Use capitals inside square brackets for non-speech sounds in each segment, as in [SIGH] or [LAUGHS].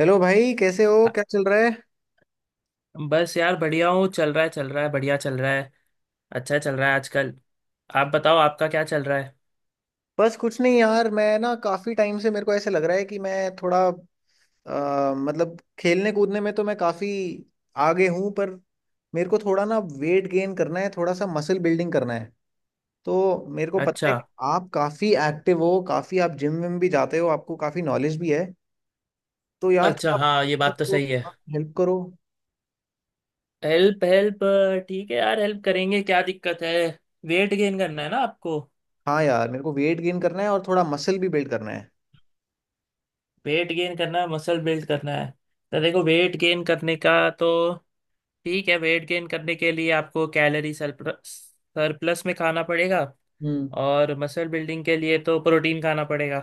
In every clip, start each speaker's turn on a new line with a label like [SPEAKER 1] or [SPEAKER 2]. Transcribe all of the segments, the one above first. [SPEAKER 1] Hello भाई, कैसे हो? क्या चल रहा है?
[SPEAKER 2] बस यार, बढ़िया हूँ। चल रहा है, चल रहा है, बढ़िया चल रहा है। अच्छा चल रहा है आजकल। आप बताओ, आपका क्या चल रहा है?
[SPEAKER 1] बस कुछ नहीं यार, मैं ना काफी टाइम से मेरे को ऐसे लग रहा है कि मैं थोड़ा मतलब खेलने कूदने में तो मैं काफी आगे हूँ, पर मेरे को थोड़ा ना वेट गेन करना है, थोड़ा सा मसल बिल्डिंग करना है। तो मेरे को पता
[SPEAKER 2] अच्छा।
[SPEAKER 1] है कि आप काफी एक्टिव हो, काफी आप जिम विम भी जाते हो, आपको काफी नॉलेज भी है। तो यार
[SPEAKER 2] अच्छा, हाँ, ये बात तो सही है।
[SPEAKER 1] थोड़ा हेल्प करो।
[SPEAKER 2] Help, help. ठीक है यार, हेल्प करेंगे। क्या दिक्कत है? वेट गेन करना है ना आपको?
[SPEAKER 1] हाँ यार, मेरे को वेट गेन करना है और थोड़ा मसल भी बिल्ड करना है।
[SPEAKER 2] वेट गेन करना है, मसल बिल्ड करना है। तो देखो वेट गेन करने का, तो, ठीक है, वेट गेन करने के लिए आपको कैलोरी सरप्लस में खाना पड़ेगा।
[SPEAKER 1] हम्म।
[SPEAKER 2] और मसल बिल्डिंग के लिए तो प्रोटीन खाना पड़ेगा।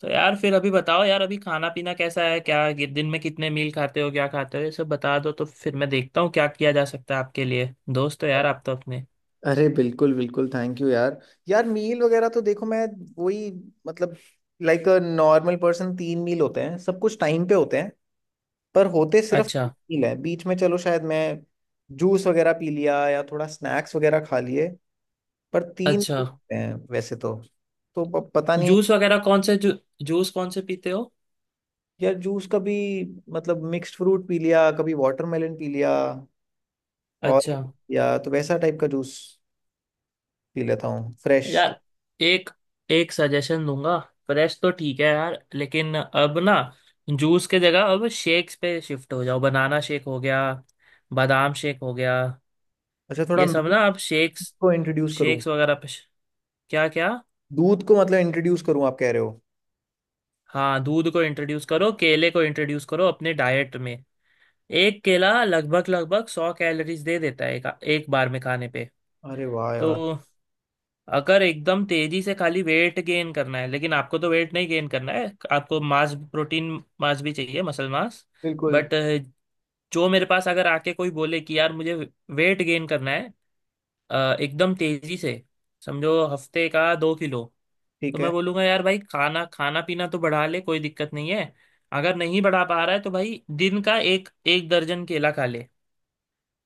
[SPEAKER 2] तो यार, फिर अभी बताओ यार, अभी खाना पीना कैसा है, दिन में कितने मील खाते हो, क्या खाते हो, ये सब बता दो, तो फिर मैं देखता हूँ क्या किया जा सकता है। आपके लिए दोस्त हो यार, आप तो अपने।
[SPEAKER 1] अरे बिल्कुल बिल्कुल, थैंक यू यार। यार मील वगैरह तो देखो, मैं वही मतलब लाइक अ नॉर्मल पर्सन तीन मील होते हैं, सब कुछ टाइम पे होते हैं। पर होते सिर्फ तीन
[SPEAKER 2] अच्छा।
[SPEAKER 1] मील है, बीच में चलो शायद मैं जूस वगैरह पी लिया या थोड़ा स्नैक्स वगैरह खा लिए, पर तीन meal
[SPEAKER 2] अच्छा,
[SPEAKER 1] होते हैं वैसे तो। तो पता नहीं।
[SPEAKER 2] जूस वगैरह जूस कौन से पीते हो?
[SPEAKER 1] यार जूस कभी मतलब मिक्स्ड फ्रूट पी लिया, कभी वाटरमेलन पी लिया,
[SPEAKER 2] अच्छा।
[SPEAKER 1] ऑरेंज पी लिया, तो वैसा टाइप का जूस पी लेता हूँ फ्रेश।
[SPEAKER 2] यार, एक एक सजेशन दूंगा। फ्रेश तो ठीक है यार, लेकिन अब ना, जूस के जगह अब शेक्स पे शिफ्ट हो जाओ। बनाना शेक हो गया, बादाम शेक हो गया,
[SPEAKER 1] अच्छा, थोड़ा
[SPEAKER 2] ये सब
[SPEAKER 1] milk
[SPEAKER 2] ना, अब शेक्स
[SPEAKER 1] को इंट्रोड्यूस करूँ?
[SPEAKER 2] शेक्स वगैरह पे। क्या क्या?
[SPEAKER 1] दूध को मतलब इंट्रोड्यूस करूँ आप कह रहे हो?
[SPEAKER 2] हाँ, दूध को इंट्रोड्यूस करो, केले को इंट्रोड्यूस करो अपने डाइट में। एक केला लगभग लगभग 100 कैलोरीज दे देता है, एक बार में खाने पे।
[SPEAKER 1] अरे वाह
[SPEAKER 2] तो
[SPEAKER 1] यार,
[SPEAKER 2] अगर एकदम तेजी से खाली वेट गेन करना है, लेकिन आपको तो वेट नहीं गेन करना है। आपको मास प्रोटीन, मास भी चाहिए, मसल मास।
[SPEAKER 1] बिल्कुल
[SPEAKER 2] बट जो मेरे पास अगर आके कोई बोले कि यार मुझे वेट गेन करना है, अ, एकदम तेजी से, समझो हफ्ते का 2 किलो। तो
[SPEAKER 1] ठीक
[SPEAKER 2] मैं
[SPEAKER 1] है।
[SPEAKER 2] बोलूंगा यार भाई, खाना खाना पीना तो बढ़ा ले, कोई दिक्कत नहीं है। अगर नहीं बढ़ा पा रहा है तो भाई दिन का एक एक दर्जन केला खा ले।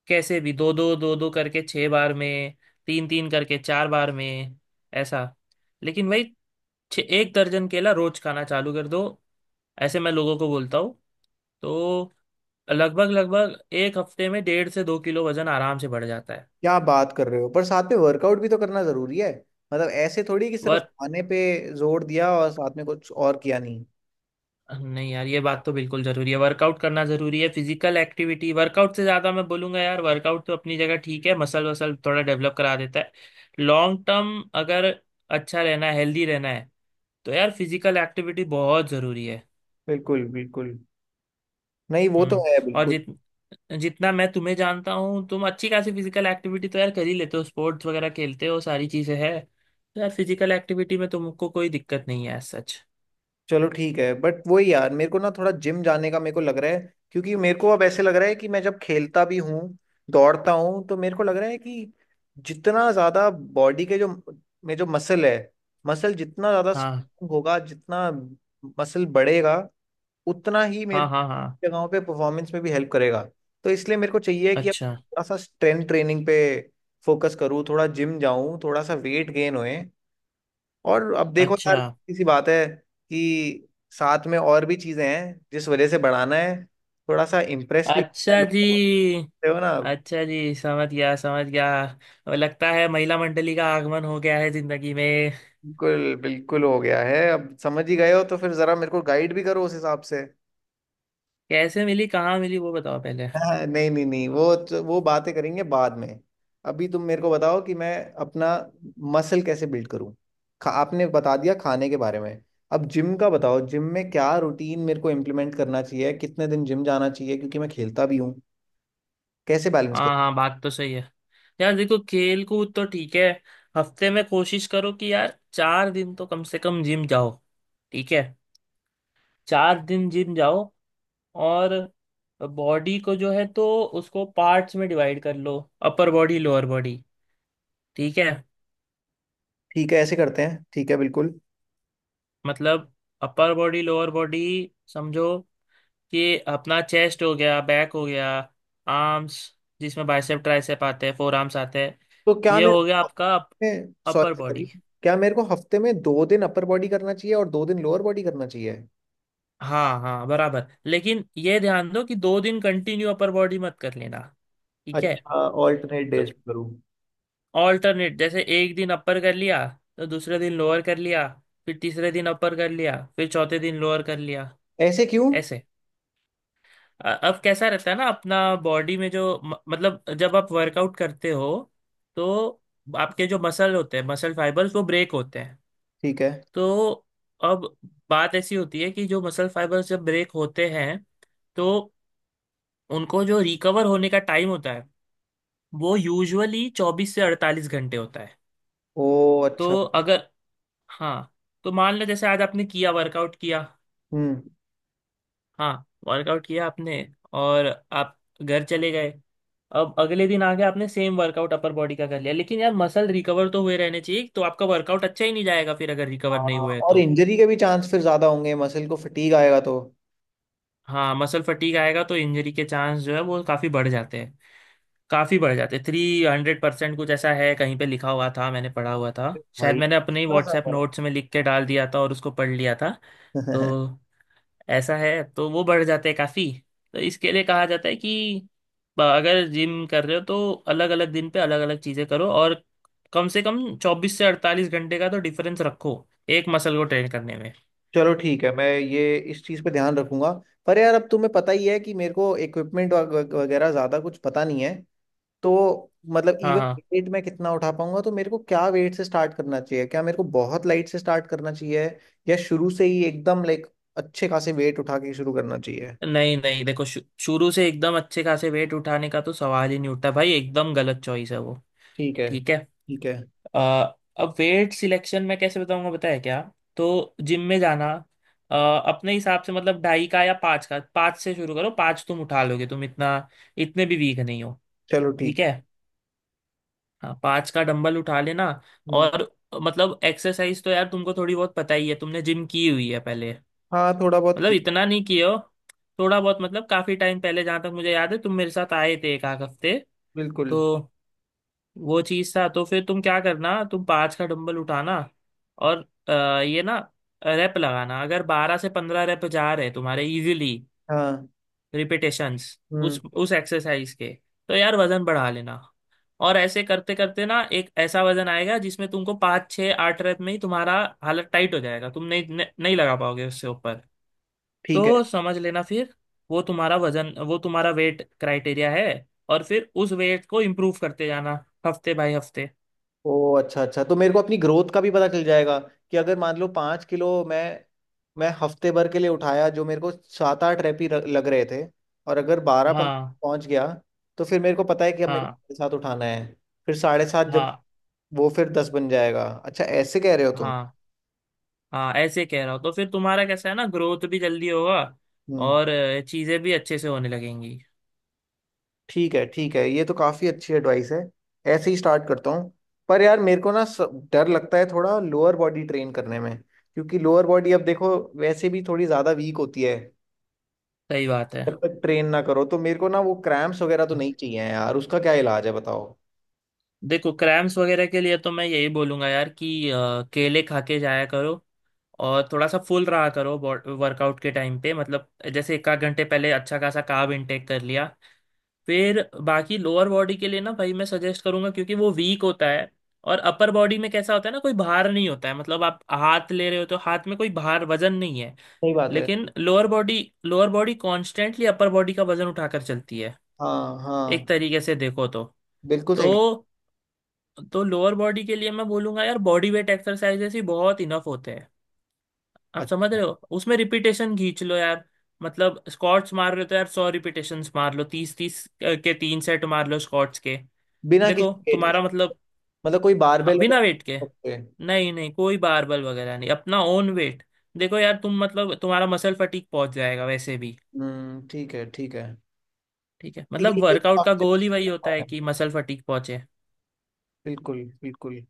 [SPEAKER 2] कैसे भी, दो दो दो दो करके 6 बार में, तीन तीन करके 4 बार में। ऐसा, लेकिन भाई, छः एक दर्जन केला रोज खाना चालू कर दो। ऐसे मैं लोगों को बोलता हूँ। तो लगभग लगभग एक हफ्ते में डेढ़ से 2 किलो वजन आराम से बढ़ जाता है।
[SPEAKER 1] क्या बात कर रहे हो! पर साथ में वर्कआउट भी तो करना जरूरी है। मतलब ऐसे थोड़ी कि सिर्फ खाने पे जोर दिया और साथ में कुछ और किया नहीं।
[SPEAKER 2] नहीं यार, ये बात तो बिल्कुल जरूरी है, वर्कआउट करना जरूरी है। फिजिकल एक्टिविटी, वर्कआउट से ज्यादा मैं बोलूंगा यार। वर्कआउट तो अपनी जगह ठीक है, मसल वसल थोड़ा डेवलप करा देता है। लॉन्ग टर्म अगर अच्छा रहना है, हेल्दी रहना है, तो यार फिजिकल एक्टिविटी बहुत जरूरी है।
[SPEAKER 1] बिल्कुल बिल्कुल। नहीं, वो तो
[SPEAKER 2] हम्म।
[SPEAKER 1] है
[SPEAKER 2] और
[SPEAKER 1] बिल्कुल।
[SPEAKER 2] जितना मैं तुम्हें जानता हूँ, तुम अच्छी खासी फिजिकल एक्टिविटी तो यार कर ही लेते हो, स्पोर्ट्स वगैरह खेलते हो, सारी चीजें हैं, तो यार फिजिकल एक्टिविटी में तुमको कोई दिक्कत नहीं है as सच।
[SPEAKER 1] चलो ठीक है, बट वही यार, मेरे को ना थोड़ा जिम जाने का मेरे को लग रहा है। क्योंकि मेरे को अब ऐसे लग रहा है कि मैं जब खेलता भी हूँ, दौड़ता हूँ, तो मेरे को लग रहा है कि जितना ज्यादा बॉडी के जो में जो मसल है, मसल जितना ज्यादा
[SPEAKER 2] हाँ,
[SPEAKER 1] स्ट्रांग होगा, जितना मसल बढ़ेगा, उतना ही
[SPEAKER 2] हाँ,
[SPEAKER 1] मेरे
[SPEAKER 2] हाँ। हाँ,
[SPEAKER 1] जगहों पे परफॉर्मेंस में भी हेल्प करेगा। तो इसलिए मेरे को चाहिए कि अब
[SPEAKER 2] अच्छा।
[SPEAKER 1] थोड़ा सा स्ट्रेंथ ट्रेनिंग पे फोकस करूँ, थोड़ा जिम जाऊँ, थोड़ा सा वेट गेन होए। और अब देखो यार,
[SPEAKER 2] अच्छा।
[SPEAKER 1] किसी बात है कि साथ में और भी चीजें हैं जिस वजह से बढ़ाना है, थोड़ा सा इम्प्रेस भी करना है
[SPEAKER 2] अच्छा जी।
[SPEAKER 1] लोगों को। समझते हो ना?
[SPEAKER 2] अच्छा जी, समझ गया, समझ गया। अब लगता है महिला मंडली का आगमन हो गया है जिंदगी में।
[SPEAKER 1] बिल्कुल बिल्कुल हो गया है। अब समझ ही गए हो तो फिर जरा मेरे को गाइड भी करो उस हिसाब से। [LAUGHS]
[SPEAKER 2] कैसे मिली, कहाँ मिली, वो बताओ पहले।
[SPEAKER 1] हाँ, नहीं नहीं नहीं वो बातें करेंगे बाद में। अभी तुम मेरे को बताओ कि मैं अपना मसल कैसे बिल्ड करूं। आपने बता दिया खाने के बारे में, अब जिम का बताओ। जिम में क्या रूटीन मेरे को इम्प्लीमेंट करना चाहिए, कितने दिन जिम जाना चाहिए, क्योंकि मैं खेलता भी हूँ। कैसे बैलेंस?
[SPEAKER 2] हाँ हाँ, बात तो सही है। यार देखो, खेल कूद तो ठीक है, हफ्ते में कोशिश करो कि यार 4 दिन तो कम से कम जिम जाओ। ठीक है। 4 दिन जिम जाओ। और बॉडी को जो है तो उसको पार्ट्स में डिवाइड कर लो। Upper body, lower body. ठीक है।
[SPEAKER 1] ठीक है, ऐसे करते हैं, ठीक है बिल्कुल।
[SPEAKER 2] मतलब अपर बॉडी, लोअर बॉडी, समझो, ये अपना चेस्ट हो गया, बैक हो गया, आर्म्स जिसमें बाइसेप ट्राइसेप आते हैं, फोर आर्म्स आते हैं,
[SPEAKER 1] तो क्या
[SPEAKER 2] ये
[SPEAKER 1] मेरे
[SPEAKER 2] हो गया
[SPEAKER 1] को
[SPEAKER 2] आपका अपर
[SPEAKER 1] सॉरी सॉरी,
[SPEAKER 2] बॉडी।
[SPEAKER 1] क्या मेरे को हफ्ते में दो दिन अपर बॉडी करना चाहिए और दो दिन लोअर बॉडी करना चाहिए?
[SPEAKER 2] हाँ हाँ, बराबर। लेकिन ये ध्यान दो कि 2 दिन कंटिन्यू अपर बॉडी मत कर लेना। ठीक है।
[SPEAKER 1] अच्छा, ऑल्टरनेट
[SPEAKER 2] तो
[SPEAKER 1] डेज करूँ?
[SPEAKER 2] ऑल्टरनेट, जैसे एक दिन अपर कर लिया, तो दूसरे दिन लोअर कर लिया, फिर तीसरे दिन अपर कर लिया, फिर चौथे दिन लोअर कर लिया।
[SPEAKER 1] ऐसे क्यों?
[SPEAKER 2] ऐसे। अब कैसा रहता है ना, अपना बॉडी में जो, मतलब, जब आप वर्कआउट करते हो तो आपके जो मसल होते हैं, मसल फाइबर्स, वो ब्रेक होते हैं।
[SPEAKER 1] ठीक है।
[SPEAKER 2] तो अब बात ऐसी होती है कि जो मसल फाइबर्स जब ब्रेक होते हैं, तो उनको जो रिकवर होने का टाइम होता है, वो यूजुअली 24 से 48 घंटे होता है।
[SPEAKER 1] ओ अच्छा।
[SPEAKER 2] तो अगर, हाँ, तो मान लो जैसे आज आपने किया, वर्कआउट किया।
[SPEAKER 1] हम्म।
[SPEAKER 2] हाँ, वर्कआउट किया आपने, और आप घर चले गए। अब अगले दिन आके आपने सेम वर्कआउट अपर बॉडी का कर लिया, लेकिन यार, मसल रिकवर तो हुए रहने चाहिए, तो आपका वर्कआउट अच्छा ही नहीं जाएगा फिर, अगर
[SPEAKER 1] हाँ,
[SPEAKER 2] रिकवर नहीं हुए
[SPEAKER 1] और
[SPEAKER 2] तो।
[SPEAKER 1] इंजरी के भी चांस फिर ज्यादा होंगे, मसल को फटीग आएगा तो।
[SPEAKER 2] हाँ, मसल फटीग आएगा तो इंजरी के चांस जो है वो काफ़ी बढ़ जाते हैं। काफ़ी बढ़ जाते हैं, 300% कुछ ऐसा है, कहीं पे लिखा हुआ था, मैंने पढ़ा हुआ था
[SPEAKER 1] भाई
[SPEAKER 2] शायद, मैंने अपने ही
[SPEAKER 1] इतना
[SPEAKER 2] व्हाट्सएप
[SPEAKER 1] ज्यादा।
[SPEAKER 2] नोट्स में लिख के डाल दिया था और उसको पढ़ लिया था।
[SPEAKER 1] [LAUGHS]
[SPEAKER 2] तो ऐसा है, तो वो बढ़ जाते हैं काफी। तो इसके लिए कहा जाता है कि, अगर जिम कर रहे हो तो अलग अलग दिन पे अलग अलग चीजें करो, और कम से कम 24 से 48 घंटे का तो डिफरेंस रखो एक मसल को ट्रेन करने में।
[SPEAKER 1] चलो ठीक है, मैं ये इस चीज पे ध्यान रखूंगा। पर यार, अब तुम्हें पता ही है कि मेरे को इक्विपमेंट वगैरह ज्यादा कुछ पता नहीं है। तो मतलब
[SPEAKER 2] हाँ
[SPEAKER 1] इवन
[SPEAKER 2] हाँ।
[SPEAKER 1] वेट मैं कितना उठा पाऊंगा, तो मेरे को क्या वेट से स्टार्ट करना चाहिए? क्या मेरे को बहुत लाइट से स्टार्ट करना चाहिए या शुरू से ही एकदम लाइक अच्छे खासे वेट उठा के शुरू करना चाहिए?
[SPEAKER 2] नहीं नहीं, देखो, शुरू से एकदम अच्छे खासे वेट उठाने का तो सवाल ही नहीं उठता भाई। एकदम गलत चॉइस है वो।
[SPEAKER 1] ठीक है
[SPEAKER 2] ठीक है।
[SPEAKER 1] ठीक है।
[SPEAKER 2] अ, अब वेट सिलेक्शन मैं कैसे बताऊंगा, बताया क्या। तो जिम में जाना, अपने हिसाब से, मतलब ढाई का या 5 का, 5 से शुरू करो। 5 तुम उठा लोगे तुम, इतना, इतने भी वीक नहीं हो।
[SPEAKER 1] चलो ठीक
[SPEAKER 2] ठीक है।
[SPEAKER 1] है।
[SPEAKER 2] हाँ, 5 का डंबल उठा लेना।
[SPEAKER 1] हम्म।
[SPEAKER 2] और, मतलब, एक्सरसाइज तो यार तुमको थोड़ी बहुत पता ही है, तुमने जिम की हुई है पहले।
[SPEAKER 1] हाँ, थोड़ा बहुत
[SPEAKER 2] मतलब
[SPEAKER 1] की।
[SPEAKER 2] इतना नहीं किए हो, थोड़ा बहुत, मतलब काफी टाइम पहले, जहां तक मुझे याद है, तुम मेरे साथ आए थे एक आध हफ्ते,
[SPEAKER 1] बिल्कुल।
[SPEAKER 2] तो वो चीज था। तो फिर तुम क्या करना, तुम 5 का डंबल उठाना और अ, ये ना, रैप लगाना, अगर 12 से 15 रैप जा रहे तुम्हारे इजीली,
[SPEAKER 1] हाँ।
[SPEAKER 2] रिपीटेशंस उस
[SPEAKER 1] हम्म।
[SPEAKER 2] उस एक्सरसाइज के, तो यार वजन बढ़ा लेना। और ऐसे करते करते ना एक ऐसा वजन आएगा जिसमें तुमको 5, 6, 8 रेप में ही तुम्हारा हालत टाइट हो जाएगा, तुम नहीं नहीं नहीं लगा पाओगे उससे ऊपर।
[SPEAKER 1] ठीक है।
[SPEAKER 2] तो समझ लेना फिर, वो तुम्हारा वजन, वो तुम्हारा वेट क्राइटेरिया है। और फिर उस वेट को इम्प्रूव करते जाना, हफ्ते बाय हफ्ते।
[SPEAKER 1] ओ अच्छा अच्छा, तो मेरे को अपनी ग्रोथ का भी पता चल जाएगा। कि अगर मान लो 5 किलो मैं, हफ्ते भर के लिए उठाया, जो मेरे को 7 8 लग रहे थे, और अगर 12 15
[SPEAKER 2] हाँ,
[SPEAKER 1] पहुंच गया, तो फिर मेरे को पता है कि अब मेरे को
[SPEAKER 2] हाँ,
[SPEAKER 1] 7.5 उठाना है। फिर 7.5 जब,
[SPEAKER 2] हाँ।
[SPEAKER 1] वो फिर 10 बन जाएगा। अच्छा ऐसे कह रहे हो तुम?
[SPEAKER 2] हाँ, हाँ ऐसे कह रहा हूँ, तो फिर तुम्हारा कैसा है ना, ग्रोथ भी जल्दी होगा
[SPEAKER 1] हम्म।
[SPEAKER 2] और चीजें भी अच्छे से होने लगेंगी।
[SPEAKER 1] ठीक है ठीक है, ये तो काफ़ी अच्छी एडवाइस है। ऐसे ही स्टार्ट करता हूँ। पर यार मेरे को ना डर लगता है थोड़ा लोअर बॉडी ट्रेन करने में। क्योंकि लोअर बॉडी, अब देखो, वैसे भी थोड़ी ज़्यादा वीक होती है
[SPEAKER 2] सही बात है।
[SPEAKER 1] जब तक ट्रेन ना करो। तो मेरे को ना वो क्रैम्प्स वगैरह तो नहीं चाहिए हैं यार, उसका क्या इलाज है, बताओ?
[SPEAKER 2] देखो, क्रैम्स वगैरह के लिए तो मैं यही बोलूंगा यार कि केले खा के जाया करो, और थोड़ा सा फुल रहा करो वर्कआउट के टाइम पे, मतलब जैसे एक आध घंटे पहले अच्छा खासा कार्ब इनटेक कर लिया। फिर, बाकी लोअर बॉडी के लिए ना भाई, मैं सजेस्ट करूंगा, क्योंकि वो वीक होता है। और अपर बॉडी में कैसा होता है ना, कोई भार नहीं होता है, मतलब आप हाथ ले रहे हो तो हाथ में कोई भार वजन नहीं है।
[SPEAKER 1] सही बात है।
[SPEAKER 2] लेकिन lower body, lower body constantly upper body का वजन उठाकर चलती है,
[SPEAKER 1] हाँ हाँ।
[SPEAKER 2] एक तरीके से देखो तो
[SPEAKER 1] बिल्कुल सही।
[SPEAKER 2] तो तो लोअर बॉडी के लिए मैं बोलूंगा यार, बॉडी वेट एक्सरसाइजेस ही बहुत इनफ होते हैं, आप समझ
[SPEAKER 1] अच्छा,
[SPEAKER 2] रहे हो। उसमें रिपीटेशन खींच लो यार। मतलब स्क्वाट्स मार रहे हो तो यार 100 रिपीटेशन मार लो, 30-30 के 3 सेट मार लो स्क्वाट्स के।
[SPEAKER 1] बिना किसी
[SPEAKER 2] देखो
[SPEAKER 1] पेट के,
[SPEAKER 2] तुम्हारा मतलब,
[SPEAKER 1] मतलब कोई
[SPEAKER 2] हाँ,
[SPEAKER 1] बारबेल वगैरह
[SPEAKER 2] बिना वेट के।
[SPEAKER 1] नहीं रख सकते हैं?
[SPEAKER 2] नहीं नहीं, कोई बारबल वगैरह नहीं, अपना ओन वेट। देखो यार तुम, मतलब, तुम्हारा मसल फटीक पहुंच जाएगा वैसे भी।
[SPEAKER 1] ठीक है ठीक है।
[SPEAKER 2] ठीक है,
[SPEAKER 1] ठीक
[SPEAKER 2] मतलब
[SPEAKER 1] है, ये
[SPEAKER 2] वर्कआउट का
[SPEAKER 1] काफी
[SPEAKER 2] गोल ही वही
[SPEAKER 1] अच्छा
[SPEAKER 2] होता है
[SPEAKER 1] है।
[SPEAKER 2] कि मसल फटीक पहुंचे।
[SPEAKER 1] बिल्कुल बिल्कुल।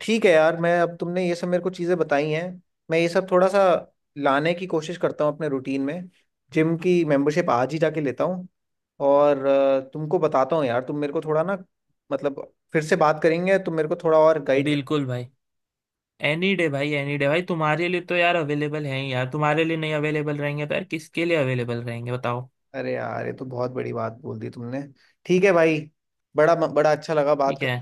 [SPEAKER 1] ठीक है यार, मैं अब, तुमने ये सब मेरे को चीज़ें बताई हैं, मैं ये सब थोड़ा सा लाने की कोशिश करता हूँ अपने रूटीन में। जिम की मेंबरशिप आज ही जाके लेता हूँ। और तुमको बताता हूँ यार, तुम मेरे को थोड़ा ना मतलब फिर से बात करेंगे, तुम मेरे को थोड़ा और गाइड कर।
[SPEAKER 2] बिल्कुल भाई। एनी डे भाई, एनी डे भाई, तुम्हारे लिए तो यार अवेलेबल है ही। यार, तुम्हारे लिए नहीं अवेलेबल रहेंगे तो यार किसके लिए अवेलेबल रहेंगे, बताओ?
[SPEAKER 1] अरे यार, ये तो बहुत बड़ी बात बोल दी तुमने। ठीक है भाई। बड़ा बड़ा अच्छा लगा बात
[SPEAKER 2] ठीक है।
[SPEAKER 1] कर।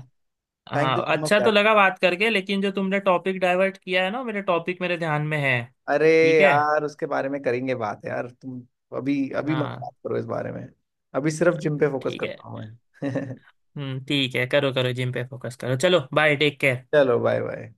[SPEAKER 1] थैंक यू
[SPEAKER 2] हाँ,
[SPEAKER 1] सो मच
[SPEAKER 2] अच्छा तो
[SPEAKER 1] यार।
[SPEAKER 2] लगा बात करके, लेकिन जो तुमने टॉपिक डाइवर्ट किया है ना, मेरे टॉपिक मेरे ध्यान में है।
[SPEAKER 1] अरे
[SPEAKER 2] ठीक है।
[SPEAKER 1] यार, उसके बारे में करेंगे बात यार, तुम अभी अभी मत
[SPEAKER 2] हाँ।
[SPEAKER 1] बात करो इस बारे में। अभी सिर्फ जिम पे फोकस
[SPEAKER 2] ठीक है।
[SPEAKER 1] करता हूँ मैं। [LAUGHS]
[SPEAKER 2] हम्म, ठीक है, करो करो जिम पे फोकस करो। चलो, बाय, टेक केयर।
[SPEAKER 1] चलो बाय बाय।